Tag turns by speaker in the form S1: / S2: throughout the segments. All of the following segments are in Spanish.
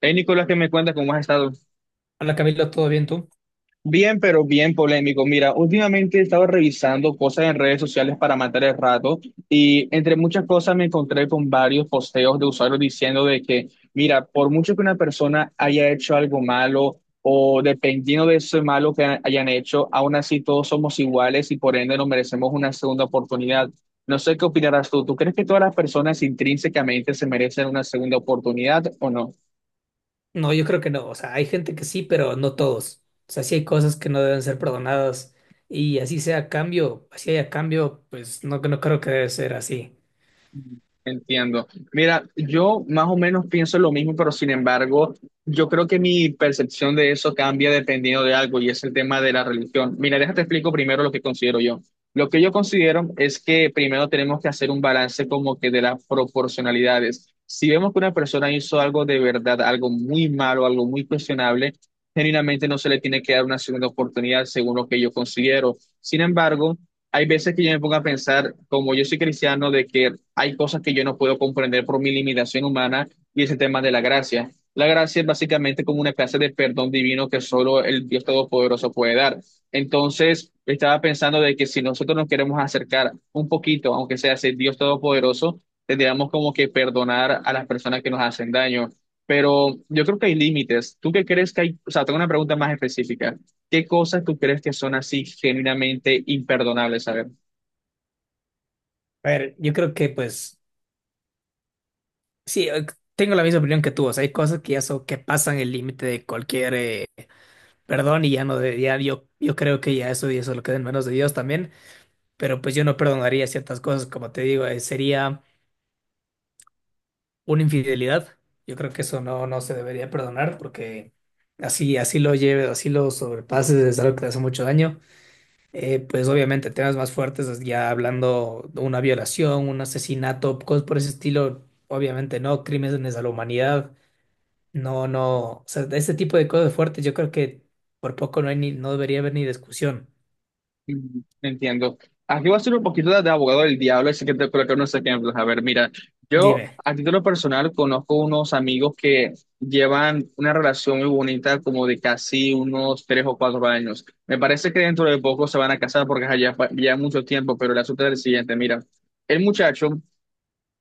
S1: Hey, Nicolás, ¿qué me cuentas? ¿Cómo has estado?
S2: Hola Camilo, ¿todo bien tú?
S1: Bien, pero bien polémico. Mira, últimamente he estado revisando cosas en redes sociales para matar el rato y entre muchas cosas me encontré con varios posteos de usuarios diciendo de que, mira, por mucho que una persona haya hecho algo malo o dependiendo de eso malo que hayan hecho, aún así todos somos iguales y por ende nos merecemos una segunda oportunidad. No sé qué opinarás tú. ¿Tú crees que todas las personas intrínsecamente se merecen una segunda oportunidad o no?
S2: No, yo creo que no. O sea, hay gente que sí, pero no todos. O sea, sí hay cosas que no deben ser perdonadas y así sea a cambio, así haya cambio, pues no creo que debe ser así.
S1: Entiendo. Mira, yo más o menos pienso lo mismo, pero sin embargo, yo creo que mi percepción de eso cambia dependiendo de algo y es el tema de la religión. Mira, déjate explico primero lo que considero yo. Lo que yo considero es que primero tenemos que hacer un balance como que de las proporcionalidades. Si vemos que una persona hizo algo de verdad, algo muy malo, algo muy cuestionable, genuinamente no se le tiene que dar una segunda oportunidad según lo que yo considero. Sin embargo, hay veces que yo me pongo a pensar, como yo soy cristiano, de que hay cosas que yo no puedo comprender por mi limitación humana y ese tema de la gracia. La gracia es básicamente como una clase de perdón divino que solo el Dios Todopoderoso puede dar. Entonces, estaba pensando de que si nosotros nos queremos acercar un poquito, aunque sea ese Dios Todopoderoso, tendríamos como que perdonar a las personas que nos hacen daño. Pero yo creo que hay límites. ¿Tú qué crees que hay? O sea, tengo una pregunta más específica. ¿Qué cosas tú crees que son así genuinamente imperdonables? A ver,
S2: A ver, yo creo que pues sí, tengo la misma opinión que tú. O sea, hay cosas que ya son, que pasan el límite de cualquier perdón y ya no de, ya yo creo que ya eso lo queda en manos de Dios también. Pero pues yo no perdonaría ciertas cosas, como te digo, sería una infidelidad. Yo creo que eso no se debería perdonar porque así, así lo lleves, así lo sobrepases, es algo que te hace mucho daño. Pues obviamente temas más fuertes, es ya hablando de una violación, un asesinato, cosas por ese estilo, obviamente no, crímenes a la humanidad, no, no, o sea, de ese tipo de cosas fuertes yo creo que por poco no hay ni, no debería haber ni discusión.
S1: entiendo. Aquí voy a ser un poquito de abogado del diablo, así que te coloco unos ejemplos. A ver, mira, yo
S2: Dime.
S1: a título personal conozco unos amigos que llevan una relación muy bonita, como de casi unos tres o cuatro años. Me parece que dentro de poco se van a casar porque ajá, ya, ya mucho tiempo, pero el asunto es el siguiente, mira. El muchacho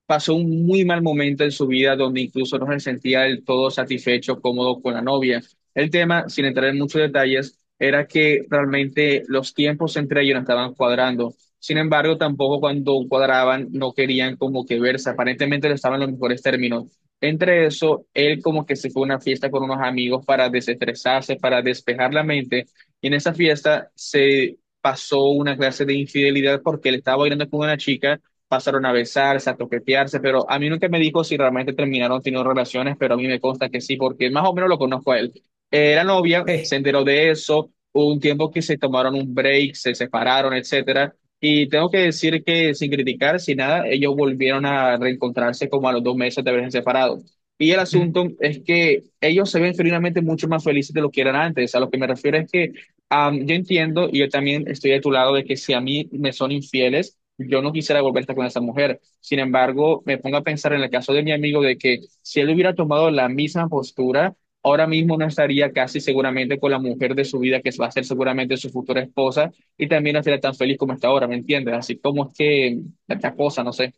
S1: pasó un muy mal momento en su vida donde incluso no se sentía del todo satisfecho, cómodo con la novia. El tema, sin entrar en muchos detalles, era que realmente los tiempos entre ellos no estaban cuadrando. Sin embargo, tampoco cuando cuadraban no querían como que verse. Aparentemente no estaban en los mejores términos. Entre eso, él como que se fue a una fiesta con unos amigos para desestresarse, para despejar la mente. Y en esa fiesta se pasó una clase de infidelidad porque él estaba bailando con una chica pasaron a besarse, a toquetearse, pero a mí nunca me dijo si realmente terminaron teniendo relaciones, pero a mí me consta que sí, porque más o menos lo conozco a él. Era novia, se
S2: Hey,
S1: enteró de eso, hubo un tiempo que se tomaron un break, se separaron, etcétera, y tengo que decir que sin criticar, sin nada, ellos volvieron a reencontrarse como a los dos meses de haberse separado. Y el
S2: ujú.
S1: asunto es que ellos se ven finalmente mucho más felices de lo que eran antes. A lo que me refiero es que yo entiendo y yo también estoy de tu lado de que si a mí me son infieles, yo no quisiera volver a estar con esa mujer. Sin embargo, me pongo a pensar en el caso de mi amigo de que si él hubiera tomado la misma postura, ahora mismo no estaría casi seguramente con la mujer de su vida, que va a ser seguramente su futura esposa, y también no estaría tan feliz como está ahora, ¿me entiendes? Así como es que la cosa, no sé.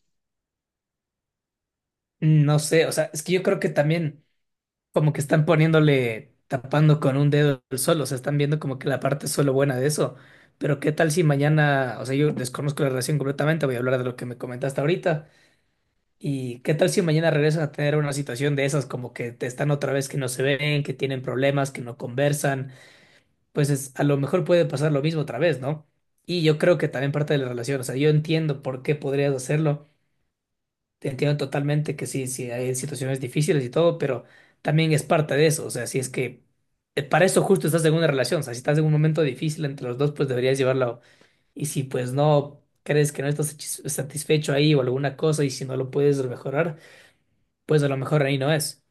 S2: No sé, o sea, es que yo creo que también como que están poniéndole, tapando con un dedo el sol, o sea, están viendo como que la parte solo buena de eso. Pero qué tal si mañana, o sea, yo desconozco la relación completamente, voy a hablar de lo que me comentaste ahorita. ¿Y qué tal si mañana regresan a tener una situación de esas, como que te están otra vez que no se ven, que tienen problemas, que no conversan? Pues es- a lo mejor puede pasar lo mismo otra vez, ¿no? Y yo creo que también parte de la relación, o sea, yo entiendo por qué podrías hacerlo, te entiendo totalmente que sí, sí, hay situaciones difíciles y todo, pero también es parte de eso. O sea, si es que para eso justo estás en una relación, o sea, si estás en un momento difícil entre los dos, pues deberías llevarlo. Y si pues no crees que no estás satis- satisfecho ahí o alguna cosa y si no lo puedes mejorar, pues a lo mejor ahí no es.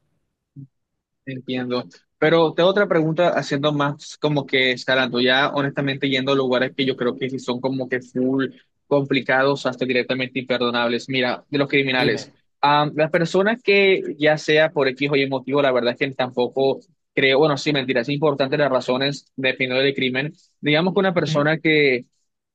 S1: Entiendo. Pero te otra pregunta haciendo más como que escalando, ya honestamente yendo a lugares que yo creo que sí son como que full complicados hasta directamente imperdonables. Mira, de los criminales,
S2: Dime.
S1: las personas que ya sea por X o Y motivo, la verdad es que tampoco creo, bueno, sí, mentira, es importante las razones dependiendo del crimen. Digamos que una
S2: Ujú.
S1: persona que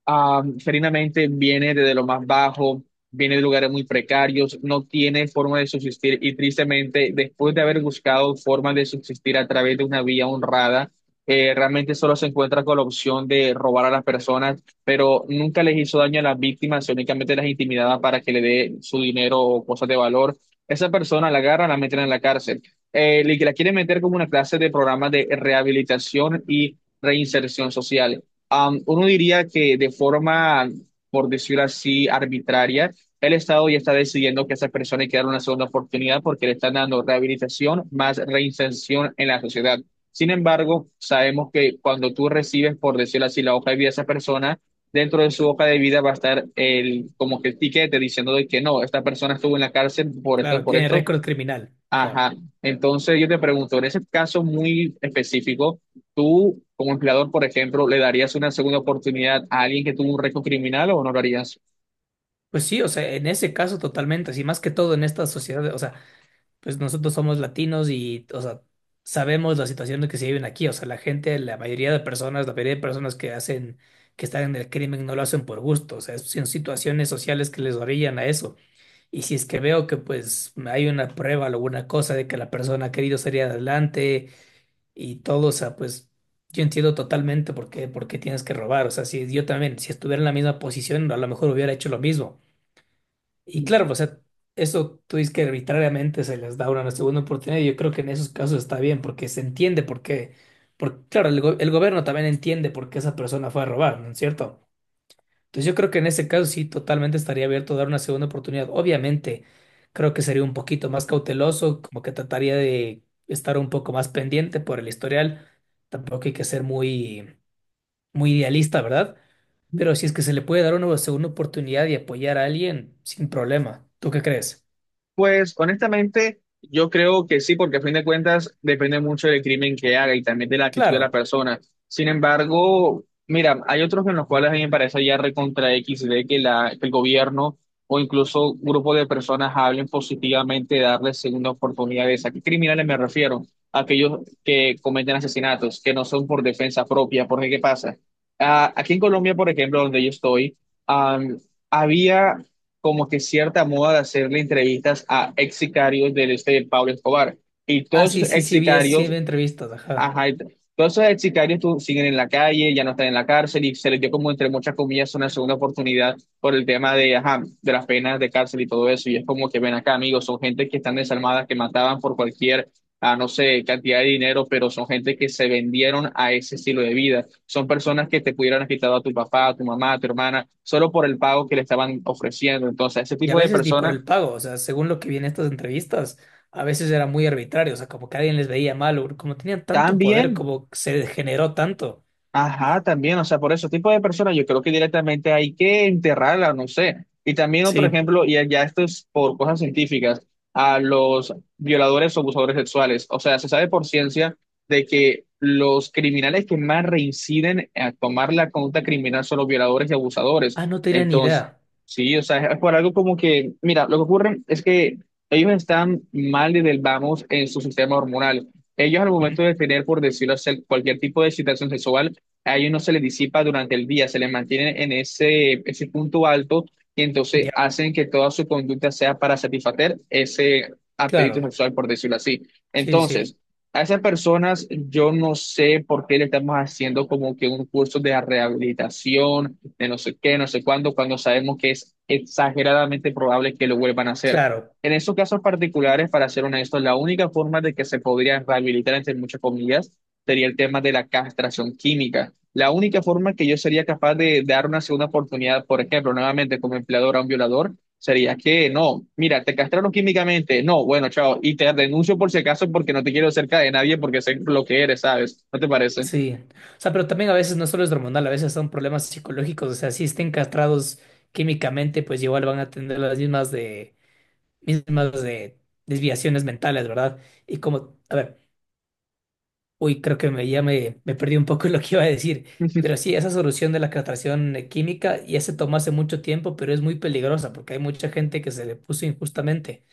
S1: Ferinamente viene desde lo más bajo, viene de lugares muy precarios, no tiene forma de subsistir y tristemente, después de haber buscado forma de subsistir a través de una vía honrada, realmente solo se encuentra con la opción de robar a las personas, pero nunca les hizo daño a las víctimas, únicamente las intimidaba para que le dé su dinero o cosas de valor. Esa persona la agarra, la meten en la cárcel. Y que la quieren meter como una clase de programa de rehabilitación y reinserción social. Uno diría que de forma, por decirlo así, arbitraria, el Estado ya está decidiendo que a esas personas hay que dar una segunda oportunidad porque le están dando rehabilitación más reinserción en la sociedad. Sin embargo, sabemos que cuando tú recibes, por decirlo así, la hoja de vida de esa persona, dentro de su hoja de vida va a estar el, como que el tiquete diciendo de que no, esta persona estuvo en la cárcel
S2: Claro,
S1: por
S2: tiene
S1: esto,
S2: récord criminal. Ajá.
S1: ajá. Entonces yo te pregunto, en ese caso muy específico, tú como empleador, por ejemplo, ¿le darías una segunda oportunidad a alguien que tuvo un récord criminal o no lo harías?
S2: Pues sí, o sea, en ese caso totalmente, así más que todo en esta sociedad, o sea, pues nosotros somos latinos y, o sea, sabemos la situación en que se viven aquí. O sea, la gente, la mayoría de personas que hacen, que están en el crimen no lo hacen por gusto. O sea, son situaciones sociales que les orillan a eso. Y si es que veo que pues hay una prueba o alguna cosa de que la persona ha querido salir adelante y todo, o sea, pues yo entiendo totalmente por qué tienes que robar. O sea, si yo también, si estuviera en la misma posición, a lo mejor hubiera hecho lo mismo. Y claro, o sea, eso tú dices que arbitrariamente se les da una segunda oportunidad y yo creo que en esos casos está bien porque se entiende por qué, porque claro, go- el gobierno también entiende por qué esa persona fue a robar, ¿no es cierto? Entonces yo creo que en ese caso sí totalmente estaría abierto a dar una segunda oportunidad. Obviamente creo que sería un poquito más cauteloso, como que trataría de estar un poco más pendiente por el historial. Tampoco hay que ser muy idealista, ¿verdad? Pero si es que se le puede dar una segunda oportunidad y apoyar a alguien, sin problema. ¿Tú qué crees?
S1: Pues honestamente, yo creo que sí, porque a fin de cuentas depende mucho del crimen que haga y también de la actitud de la
S2: Claro.
S1: persona. Sin embargo, mira, hay otros en los cuales a mí me parece ya recontra X de que, la, que el gobierno o incluso grupo de personas hablen positivamente de darles segunda oportunidades. ¿A qué criminales me refiero? Aquellos que cometen asesinatos, que no son por defensa propia. Porque, ¿qué pasa? Aquí en Colombia, por ejemplo, donde yo estoy, ah, había como que cierta moda de hacerle entrevistas a ex sicarios del este de Pablo Escobar. Y
S2: Ah,
S1: todos
S2: sí,
S1: esos
S2: sí,
S1: ex
S2: sí, vi, es- sí,
S1: sicarios
S2: vi entrevistas, ajá.
S1: Ajá, y todos esos ex sicarios siguen en la calle, ya no están en la cárcel y se les dio como entre muchas comillas una segunda oportunidad por el tema de, ajá, de las penas de cárcel y todo eso. Y es como que ven acá, amigos, son gente que están desarmadas, que mataban por cualquier, no sé, cantidad de dinero, pero son gente que se vendieron a ese estilo de vida. Son personas que te pudieran haber quitado a tu papá, a tu mamá, a tu hermana, solo por el pago que le estaban ofreciendo. Entonces, ese
S2: Y a
S1: tipo de
S2: veces ni por
S1: personas
S2: el pago, o sea, según lo que vi en estas entrevistas, a veces era muy arbitrario, o sea, como que alguien les veía mal, o como tenían tanto poder,
S1: también
S2: como que se degeneró tanto.
S1: ajá, también, o sea, por ese tipo de personas yo creo que directamente hay que enterrarla, no sé. Y también otro
S2: Sí.
S1: ejemplo, y ya esto es por cosas científicas, a los violadores o abusadores sexuales. O sea, se sabe por ciencia de que los criminales que más reinciden a tomar la conducta criminal son los violadores y
S2: Ah,
S1: abusadores.
S2: no tenía ni
S1: Entonces,
S2: idea.
S1: sí, o sea, es por algo como que, mira, lo que ocurre es que ellos están mal desde el vamos en su sistema hormonal. Ellos al
S2: Ujú.
S1: momento de tener, por decirlo así, cualquier tipo de excitación sexual, a ellos no se les disipa durante el día, se les mantiene en ese punto alto y entonces
S2: Ya,
S1: hacen que toda su conducta sea para satisfacer ese apetito
S2: claro.
S1: sexual, por decirlo así.
S2: Sí, sí, sí.
S1: Entonces, a esas personas yo no sé por qué le estamos haciendo como que un curso de rehabilitación, de no sé qué, no sé cuándo, cuando sabemos que es exageradamente probable que lo vuelvan a hacer.
S2: Claro.
S1: En esos casos particulares, para ser honesto, la única forma de que se podría rehabilitar, entre muchas comillas, sería el tema de la castración química. La única forma que yo sería capaz de dar una segunda oportunidad, por ejemplo, nuevamente como empleador a un violador, sería que no, mira, te castraron químicamente, no, bueno, chao, y te denuncio por si acaso porque no te quiero cerca de nadie porque sé lo que eres, ¿sabes? ¿No te parece?
S2: Sí, o sea, pero también a veces no solo es hormonal, a veces son problemas psicológicos, o sea, si estén castrados químicamente, pues igual van a tener las mismas de desviaciones mentales, ¿verdad? Y como, a ver, uy, creo que me perdí un poco lo que iba a decir, pero sí, esa solución de la castración química ya se tomó hace mucho tiempo, pero es muy peligrosa porque hay mucha gente que se le puso injustamente,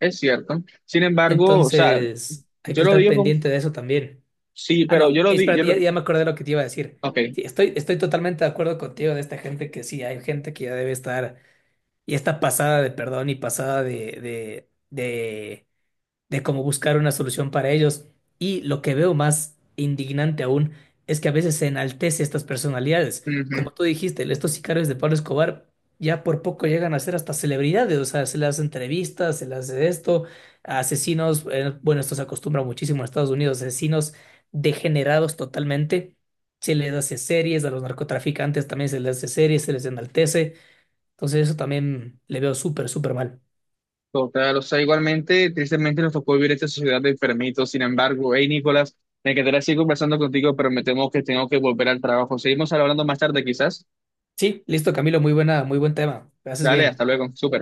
S1: Es cierto. Sin embargo, o sea,
S2: entonces hay
S1: yo
S2: que
S1: lo
S2: estar
S1: digo con,
S2: pendiente de eso también.
S1: sí,
S2: Ah,
S1: pero yo
S2: no,
S1: lo digo, yo
S2: espérate,
S1: lo,
S2: ya, ya me acordé de lo que te iba a decir.
S1: ok.
S2: Sí, estoy totalmente de acuerdo contigo de esta gente que sí, hay gente que ya debe estar y está pasada de perdón y pasada de de cómo buscar una solución para ellos. Y lo que veo más indignante aún es que a veces se enaltece estas personalidades.
S1: Ujú.
S2: Como tú dijiste, estos sicarios de Pablo Escobar ya por poco llegan a ser hasta celebridades, o sea, se les hace entrevistas, se les hace esto, asesinos, bueno, esto se acostumbra muchísimo en Estados Unidos, asesinos degenerados totalmente. Se les hace series, a los narcotraficantes también se les hace series, se les enaltece. Entonces eso también le veo súper, súper mal.
S1: Total, o sea, igualmente, tristemente nos tocó vivir esta sociedad de enfermitos. Sin embargo, hey Nicolás, me quedaría así conversando contigo, pero me temo que tengo que volver al trabajo. Seguimos hablando más tarde, quizás.
S2: Sí, listo, Camilo, muy buena, muy buen tema. Gracias
S1: Dale, hasta
S2: bien.
S1: luego, súper.